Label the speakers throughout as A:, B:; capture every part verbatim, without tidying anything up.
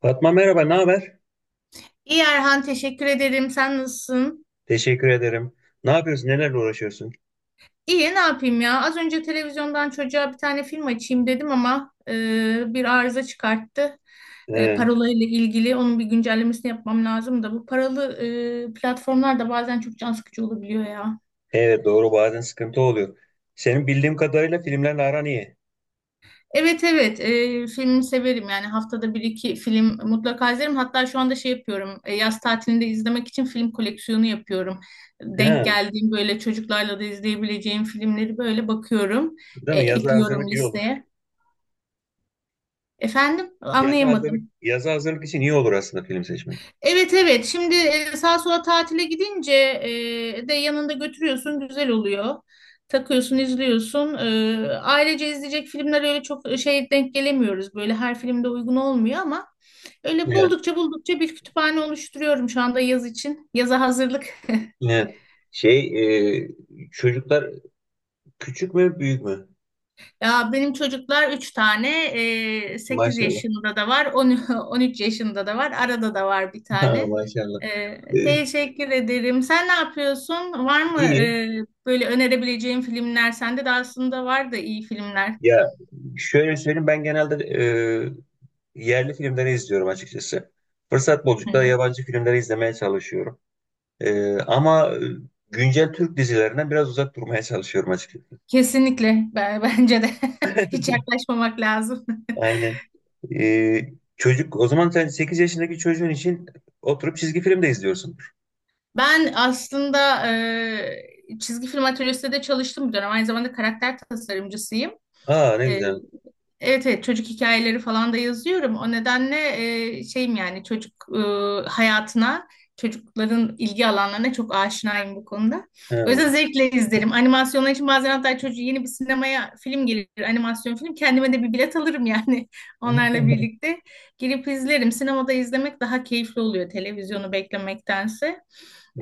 A: Fatma merhaba, ne haber?
B: İyi Erhan, teşekkür ederim. Sen nasılsın?
A: Teşekkür ederim. Ne yapıyorsun, nelerle uğraşıyorsun?
B: İyi, ne yapayım ya? Az önce televizyondan çocuğa bir tane film açayım dedim ama e, bir arıza çıkarttı. E,
A: Ee,
B: parola ile ilgili onun bir güncellemesini yapmam lazım da bu paralı e, platformlar da bazen çok can sıkıcı olabiliyor ya.
A: evet doğru bazen sıkıntı oluyor. Senin bildiğim kadarıyla filmlerle aran iyi.
B: Evet, evet, e, filmi severim, yani haftada bir iki film mutlaka izlerim. Hatta şu anda şey yapıyorum, e, yaz tatilinde izlemek için film koleksiyonu yapıyorum. Denk
A: Ha,
B: geldiğim, böyle çocuklarla da izleyebileceğim filmleri böyle bakıyorum,
A: değil
B: e,
A: mi? Yaza
B: ekliyorum
A: hazırlık iyi olur.
B: listeye. Efendim,
A: Yaza hazırlık,
B: anlayamadım.
A: yaza hazırlık için iyi olur aslında film seçmek.
B: Evet, evet, şimdi e, sağa sola tatile gidince e, de yanında götürüyorsun, güzel oluyor. Takıyorsun, izliyorsun. E, ailece izleyecek filmler öyle çok şey, denk gelemiyoruz. Böyle her filmde uygun olmuyor ama öyle
A: Evet,
B: buldukça buldukça bir kütüphane oluşturuyorum şu anda yaz için. Yaza hazırlık.
A: evet. Şey, e, çocuklar küçük mü, büyük mü?
B: Ya benim çocuklar üç tane. e, sekiz
A: Maşallah.
B: yaşında da var, on on üç yaşında da var, arada da var bir
A: Ha,
B: tane.
A: maşallah.
B: Ee,
A: Ee,
B: teşekkür ederim. Sen ne yapıyorsun? Var mı
A: iyi.
B: e, böyle önerebileceğin filmler? Sende de aslında var da iyi filmler.
A: Ya şöyle söyleyeyim ben genelde yerli filmleri izliyorum açıkçası. Fırsat buldukça da
B: Hı.
A: yabancı filmleri izlemeye çalışıyorum. Ee, ama e, güncel Türk dizilerinden biraz uzak durmaya çalışıyorum açıkçası.
B: Kesinlikle. Ben, bence de hiç yaklaşmamak lazım.
A: Aynen. Ee, çocuk, o zaman sen sekiz yaşındaki çocuğun için oturup çizgi film de izliyorsundur.
B: Ben aslında e, çizgi film atölyesinde de çalıştım bir dönem. Aynı zamanda karakter tasarımcısıyım.
A: Aa ne güzel.
B: Evet, evet, çocuk hikayeleri falan da yazıyorum. O nedenle e, şeyim, yani çocuk e, hayatına, çocukların ilgi alanlarına çok aşinayım bu konuda. O
A: Ha.
B: yüzden zevkle izlerim. Animasyonlar için bazen hatta çocuğu yeni bir sinemaya film gelir, animasyon film. Kendime de bir bilet alırım yani, onlarla birlikte. Girip izlerim. Sinemada izlemek daha keyifli oluyor televizyonu beklemektense.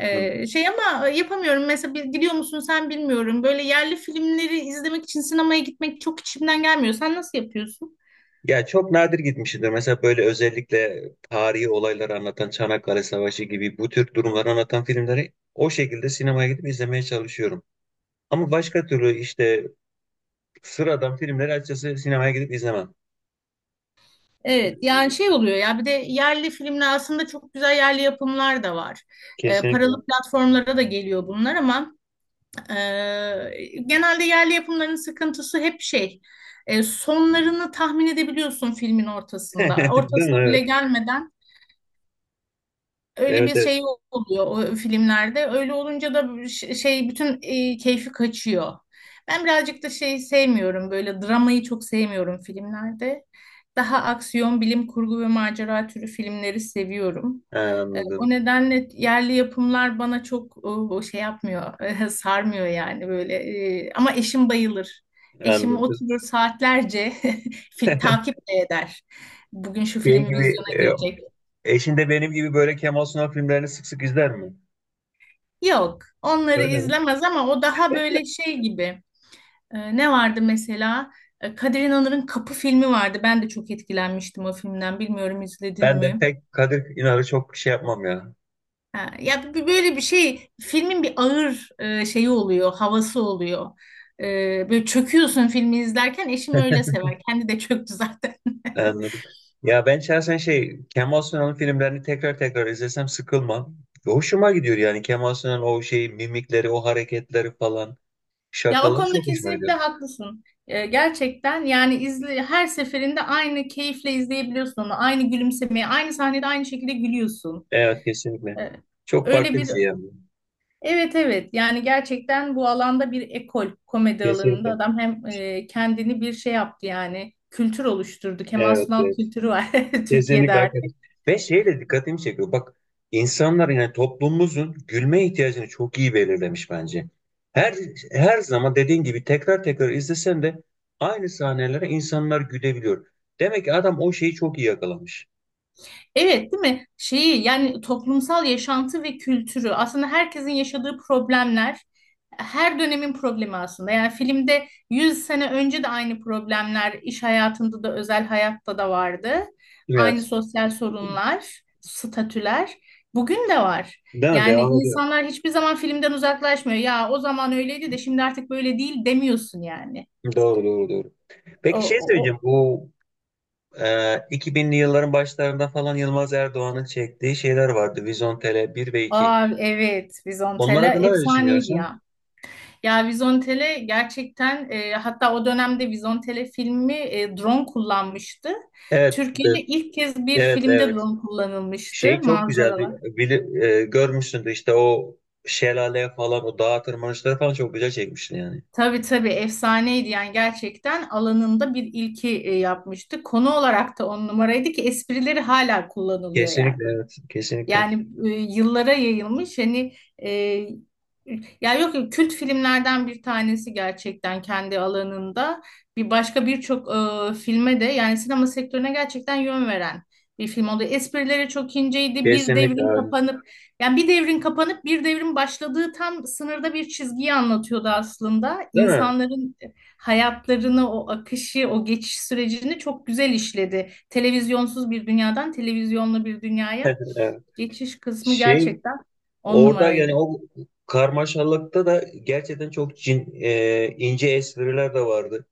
B: Ee, şey ama yapamıyorum. Mesela bil- biliyor musun? Sen bilmiyorum. Böyle yerli filmleri izlemek için sinemaya gitmek çok içimden gelmiyor. Sen nasıl yapıyorsun?
A: Ya çok nadir gitmişimdir. Mesela böyle özellikle tarihi olayları anlatan Çanakkale Savaşı gibi bu tür durumları anlatan filmleri o şekilde sinemaya gidip izlemeye çalışıyorum. Ama başka türlü işte sıradan filmleri açıkçası sinemaya gidip izlemem.
B: Evet, yani şey oluyor ya, bir de yerli filmler aslında çok güzel yerli yapımlar da var. Ee, paralı
A: Kesinlikle.
B: platformlara da geliyor bunlar ama e, genelde yerli yapımların sıkıntısı hep şey, e, sonlarını tahmin edebiliyorsun filmin ortasında.
A: Değil mi?
B: Ortasına bile
A: Evet.
B: gelmeden öyle
A: Evet,
B: bir
A: evet.
B: şey oluyor o filmlerde. Öyle olunca da ş- şey, bütün e, keyfi kaçıyor. Ben birazcık da şey sevmiyorum. Böyle dramayı çok sevmiyorum filmlerde. Daha aksiyon, bilim kurgu ve macera türü filmleri seviyorum.
A: Ha,
B: E, o
A: anladım.
B: nedenle yerli yapımlar bana çok e, şey yapmıyor, e, sarmıyor yani böyle. E, ama eşim bayılır. Eşim
A: Anladım.
B: oturur saatlerce, fil- takip de eder. Bugün şu
A: Şey
B: film
A: gibi
B: vizyona
A: e,
B: girecek.
A: eşin de benim gibi böyle Kemal Sunal filmlerini sık sık izler mi?
B: Yok, onları
A: Öyle mi?
B: izlemez ama o daha böyle şey gibi. Ee, ne vardı mesela? Ee, Kadir İnanır'ın Kapı filmi vardı. Ben de çok etkilenmiştim o filmden. Bilmiyorum, izledin
A: Ben de
B: mi?
A: pek Kadir İnanır'ı çok şey yapmam ya.
B: Ha, ya b- böyle bir şey, filmin bir ağır e, şeyi oluyor, havası oluyor. Ee, böyle çöküyorsun filmi izlerken. Eşim öyle sever. Kendi de çöktü zaten.
A: Anladım. Ya, ben şahsen şey Kemal Sunal'ın filmlerini tekrar tekrar izlesem sıkılmam. Hoşuma gidiyor yani Kemal Sunal'ın o şey mimikleri, o hareketleri falan,
B: Ya o
A: şakaları
B: konuda
A: çok hoşuma gidiyor.
B: kesinlikle haklısın. Ee, gerçekten yani izle, her seferinde aynı keyifle izleyebiliyorsun onu. Aynı gülümsemeye, aynı sahnede aynı şekilde gülüyorsun.
A: Evet, kesinlikle.
B: E,
A: Çok
B: Öyle
A: farklı bir
B: bir
A: şey yani.
B: evet, evet, yani gerçekten bu alanda bir ekol, komedi alanında
A: Kesinlikle.
B: adam hem e, kendini bir şey yaptı, yani kültür oluşturdu. Kemal
A: Evet,
B: Sunal
A: evet.
B: kültürü var Türkiye'de.
A: Kesinlikle hakikaten. Ve şey de dikkatimi çekiyor. Bak, insanlar yani toplumumuzun gülme ihtiyacını çok iyi belirlemiş bence. Her her zaman dediğin gibi tekrar tekrar izlesen de aynı sahnelere insanlar gülebiliyor. Demek ki adam o şeyi çok iyi yakalamış.
B: Evet, değil mi? Şeyi yani toplumsal yaşantı ve kültürü aslında herkesin yaşadığı problemler, her dönemin problemi aslında. Yani filmde yüz sene önce de aynı problemler iş hayatında da özel hayatta da vardı. Aynı
A: Evet.
B: sosyal sorunlar, statüler bugün de var.
A: Değil mi?
B: Yani
A: Devam ediyor.
B: insanlar hiçbir zaman filmden uzaklaşmıyor. Ya o zaman öyleydi de şimdi artık böyle değil demiyorsun yani.
A: Doğru doğru doğru.
B: O,
A: Peki şey
B: o,
A: söyleyeceğim.
B: o.
A: Bu e, iki binli yılların başlarında falan Yılmaz Erdoğan'ın çektiği şeyler vardı. Vizontele bir ve iki.
B: Aa, evet,
A: Onlar
B: Vizontela
A: hakkında ne
B: efsaneydi
A: düşünüyorsun?
B: ya. Ya Vizontele gerçekten e, hatta o dönemde Vizontele filmi e, drone kullanmıştı.
A: Evet. de-
B: Türkiye'de ilk kez bir
A: Evet,
B: filmde
A: evet.
B: drone
A: Şey
B: kullanılmıştı
A: çok güzeldi.
B: manzaralar.
A: Bili, e, görmüşsündür işte o şelale falan o dağ tırmanışları falan çok güzel çekmişsin yani.
B: Tabii, tabii efsaneydi, yani gerçekten alanında bir ilki e, yapmıştı. Konu olarak da on numaraydı ki esprileri hala kullanılıyor yani.
A: Kesinlikle evet. Kesinlikle.
B: Yani e, yıllara yayılmış hani, e, ya yok, yok, kült filmlerden bir tanesi gerçekten kendi alanında, bir başka birçok e, filme de yani sinema sektörüne gerçekten yön veren bir film oldu. Esprileri çok inceydi. Bir
A: Kesinlikle
B: devrin
A: öyle.
B: kapanıp, yani bir devrin kapanıp bir devrin başladığı tam sınırda bir çizgiyi anlatıyordu aslında.
A: Değil mi?
B: İnsanların hayatlarını, o akışı, o geçiş sürecini çok güzel işledi. Televizyonsuz bir dünyadan televizyonlu bir dünyaya.
A: Evet.
B: Geçiş kısmı
A: Şey
B: gerçekten on
A: orada yani
B: numaraydı.
A: o karmaşalıkta da gerçekten çok cin, e, ince espriler de vardı.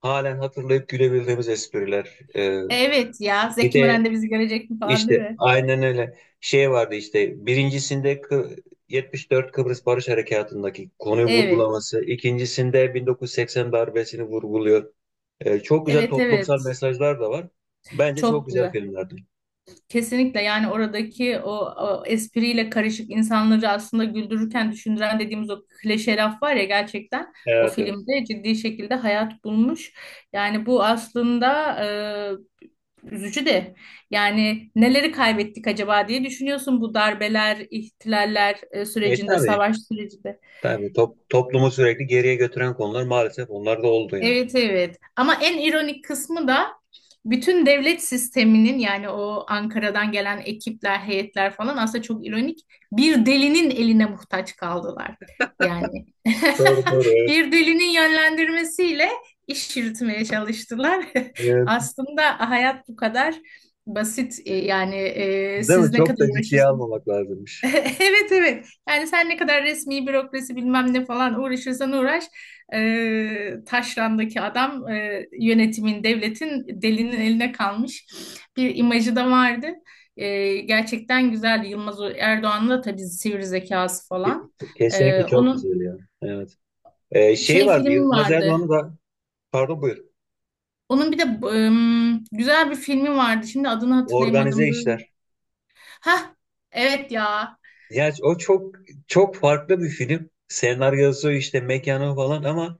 A: Halen hatırlayıp gülebildiğimiz espriler. E,
B: Evet ya,
A: bir
B: Zeki
A: de
B: Müren de bizi görecek mi falan, değil
A: İşte
B: mi?
A: aynen öyle şey vardı işte birincisinde Kı- yetmiş dört Kıbrıs Barış Harekatı'ndaki konuyu
B: Evet.
A: vurgulaması, ikincisinde bin dokuz yüz seksen darbesini vurguluyor. Ee, çok güzel
B: Evet,
A: toplumsal
B: evet.
A: mesajlar da var. Bence çok
B: Çok
A: güzel
B: güzel.
A: filmlerdi.
B: Kesinlikle, yani oradaki o, o espriyle karışık insanları aslında güldürürken düşündüren dediğimiz o klişe laf var ya, gerçekten o
A: Evet, evet.
B: filmde ciddi şekilde hayat bulmuş. Yani bu aslında e, üzücü de, yani neleri kaybettik acaba diye düşünüyorsun bu darbeler, ihtilaller e,
A: E
B: sürecinde,
A: tabii
B: savaş sürecinde.
A: tabii Top- toplumu sürekli geriye götüren konular maalesef onlar da oldu yani.
B: Evet, evet. Ama en ironik kısmı da bütün devlet sisteminin, yani o Ankara'dan gelen ekipler, heyetler falan aslında çok ironik. Bir delinin eline muhtaç kaldılar. Yani
A: Doğru doğru evet.
B: bir delinin yönlendirmesiyle iş yürütmeye çalıştılar.
A: Evet.
B: Aslında hayat bu kadar basit. E, yani e,
A: Değil mi?
B: siz ne
A: Çok
B: kadar
A: da ciddiye
B: uğraşırsınız?
A: almamak lazımmış.
B: Evet, evet. Yani sen ne kadar resmi bürokrasi bilmem ne falan uğraşırsan uğraş, e, taşrandaki adam, e, yönetimin, devletin delinin eline kalmış bir imajı da vardı. E, gerçekten güzeldi. Yılmaz Erdoğan'ın da tabii sivri zekası
A: Ke-
B: falan. E,
A: Kesinlikle çok
B: onun
A: güzel ya. Evet. Ee, şey
B: şey
A: vardı
B: filmi
A: Yılmaz
B: vardı.
A: Erdoğan'ı da pardon buyur.
B: Onun bir de ım, güzel bir filmi vardı. Şimdi adını
A: Organize
B: hatırlayamadım. Böyle.
A: işler.
B: Ha, evet ya.
A: Ya o çok çok farklı bir film. Senaryosu işte mekanı falan ama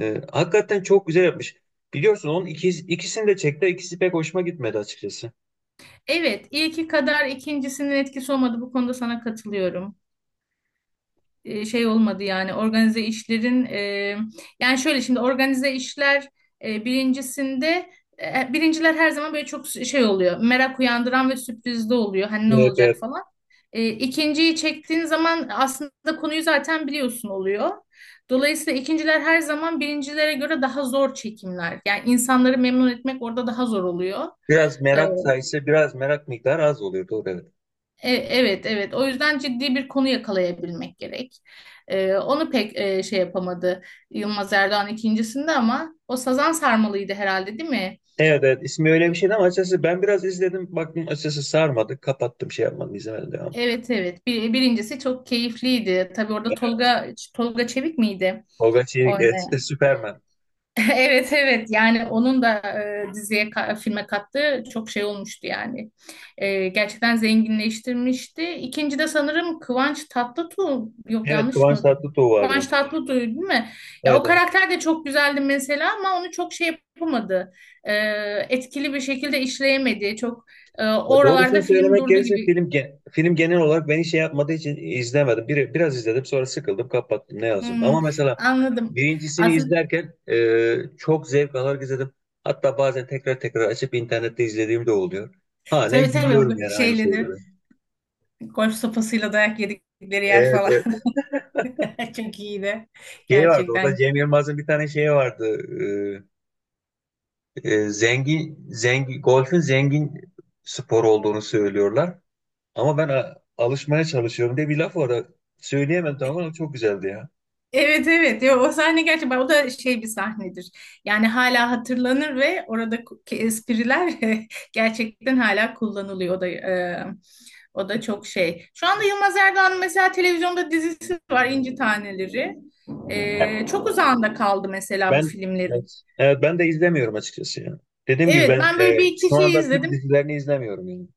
A: e, hakikaten çok güzel yapmış. Biliyorsun onun ikisi, ikisini de çekti. İkisi pek hoşuma gitmedi açıkçası.
B: Evet, ilki kadar ikincisinin etkisi olmadı. Bu konuda sana katılıyorum. E, şey olmadı yani organize işlerin, e, yani şöyle, şimdi organize işler e, birincisinde e, birinciler her zaman böyle çok şey oluyor, merak uyandıran ve sürprizli oluyor, hani ne
A: Evet,
B: olacak
A: evet.
B: falan. E, ikinciyi çektiğin zaman aslında konuyu zaten biliyorsun oluyor. Dolayısıyla ikinciler her zaman birincilere göre daha zor çekimler. Yani insanları memnun etmek orada daha zor oluyor.
A: Biraz
B: E,
A: merak sayısı, biraz merak miktarı az oluyor. Doğru evet.
B: E- evet, evet. O yüzden ciddi bir konu yakalayabilmek gerek. E, onu pek e, şey yapamadı Yılmaz Erdoğan ikincisinde ama o Sazan Sarmalı'ydı herhalde, değil mi?
A: Evet, evet. İsmi öyle bir şeydi ama açıkçası ben biraz izledim. Baktım açıkçası sarmadı. Kapattım, şey yapmadım, izlemedim devam.
B: Evet, evet. Bir- birincisi çok keyifliydi. Tabii orada
A: Evet.
B: Tolga Tolga Çevik miydi?
A: Tolga Çevik, evet, Superman.
B: Evet, evet, yani onun da e, diziye ka- filme kattığı çok şey olmuştu yani. E, gerçekten zenginleştirmişti. İkinci de sanırım Kıvanç Tatlıtuğ, yok
A: Evet,
B: yanlış
A: Kıvanç
B: mı?
A: Tatlıtuğ
B: Kıvanç
A: vardı.
B: Tatlıtuğ değil mi? Ya o
A: Evet, evet.
B: karakter de çok güzeldi mesela ama onu çok şey yapamadı. E, etkili bir şekilde işleyemedi. Çok e,
A: Ya doğrusunu
B: oralarda film
A: söylemek
B: durdu
A: gerekirse
B: gibi.
A: film gen- film genel olarak beni şey yapmadığı için izlemedim. Bir, biraz izledim sonra sıkıldım kapattım ne yazayım.
B: Hmm,
A: Ama mesela
B: anladım.
A: birincisini
B: Aslında
A: izlerken e, çok zevk alarak izledim. Hatta bazen tekrar tekrar açıp internette izlediğim de oluyor. Halen
B: tabii, tabii
A: gülüyorum
B: o
A: yani aynı
B: şeyle de
A: şeylere.
B: golf sopasıyla dayak yedikleri yer
A: Evet,
B: falan.
A: evet.
B: Çok iyiydi.
A: Şey vardı orada
B: Gerçekten.
A: Cem Yılmaz'ın bir tane şeyi vardı. E, e, zengin, zengin, golfün zengin spor olduğunu söylüyorlar. Ama ben a- alışmaya çalışıyorum diye bir laf var. Söyleyemem tamam ama çok güzeldi ya.
B: Evet, evet. Ya, o sahne gerçekten, o da şey bir sahnedir. Yani hala hatırlanır ve oradaki espriler gerçekten hala kullanılıyor. O da e, o da çok şey. Şu anda Yılmaz Erdoğan'ın mesela televizyonda dizisi var, İnci Taneleri. E, çok uzağında kaldı mesela bu
A: Ben
B: filmleri.
A: evet, evet ben de izlemiyorum açıkçası ya. Dediğim gibi
B: Evet,
A: ben
B: ben böyle bir
A: e, şu
B: iki şey
A: anda Türk
B: izledim.
A: dizilerini izlemiyorum yani.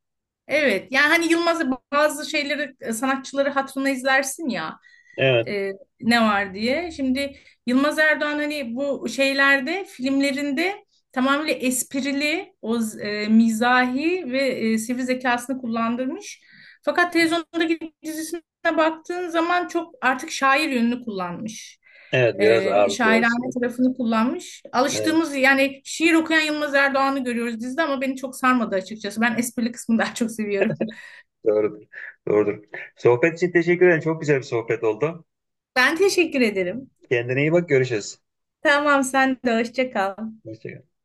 B: Evet, yani hani Yılmaz'ı, bazı şeyleri, sanatçıları hatırına izlersin ya,
A: Evet,
B: e, ne var diye. Şimdi Yılmaz Erdoğan, hani bu şeylerde, filmlerinde tamamıyla esprili, o z- e, mizahi ve e, sivri zekasını kullandırmış. Fakat televizyondaki dizisine baktığın zaman çok artık şair yönünü kullanmış.
A: evet biraz
B: E,
A: ağırlıklı
B: şairane
A: basıyor.
B: tarafını kullanmış.
A: Evet,
B: Alıştığımız yani şiir okuyan Yılmaz Erdoğan'ı görüyoruz dizide ama beni çok sarmadı açıkçası. Ben esprili kısmını daha çok seviyorum.
A: doğrudur. Doğrudur. Sohbet için teşekkür ederim. Çok güzel bir sohbet oldu.
B: Ben teşekkür ederim.
A: Kendine iyi bak, görüşürüz.
B: Tamam, sen de hoşça kal.
A: Hoşça kal.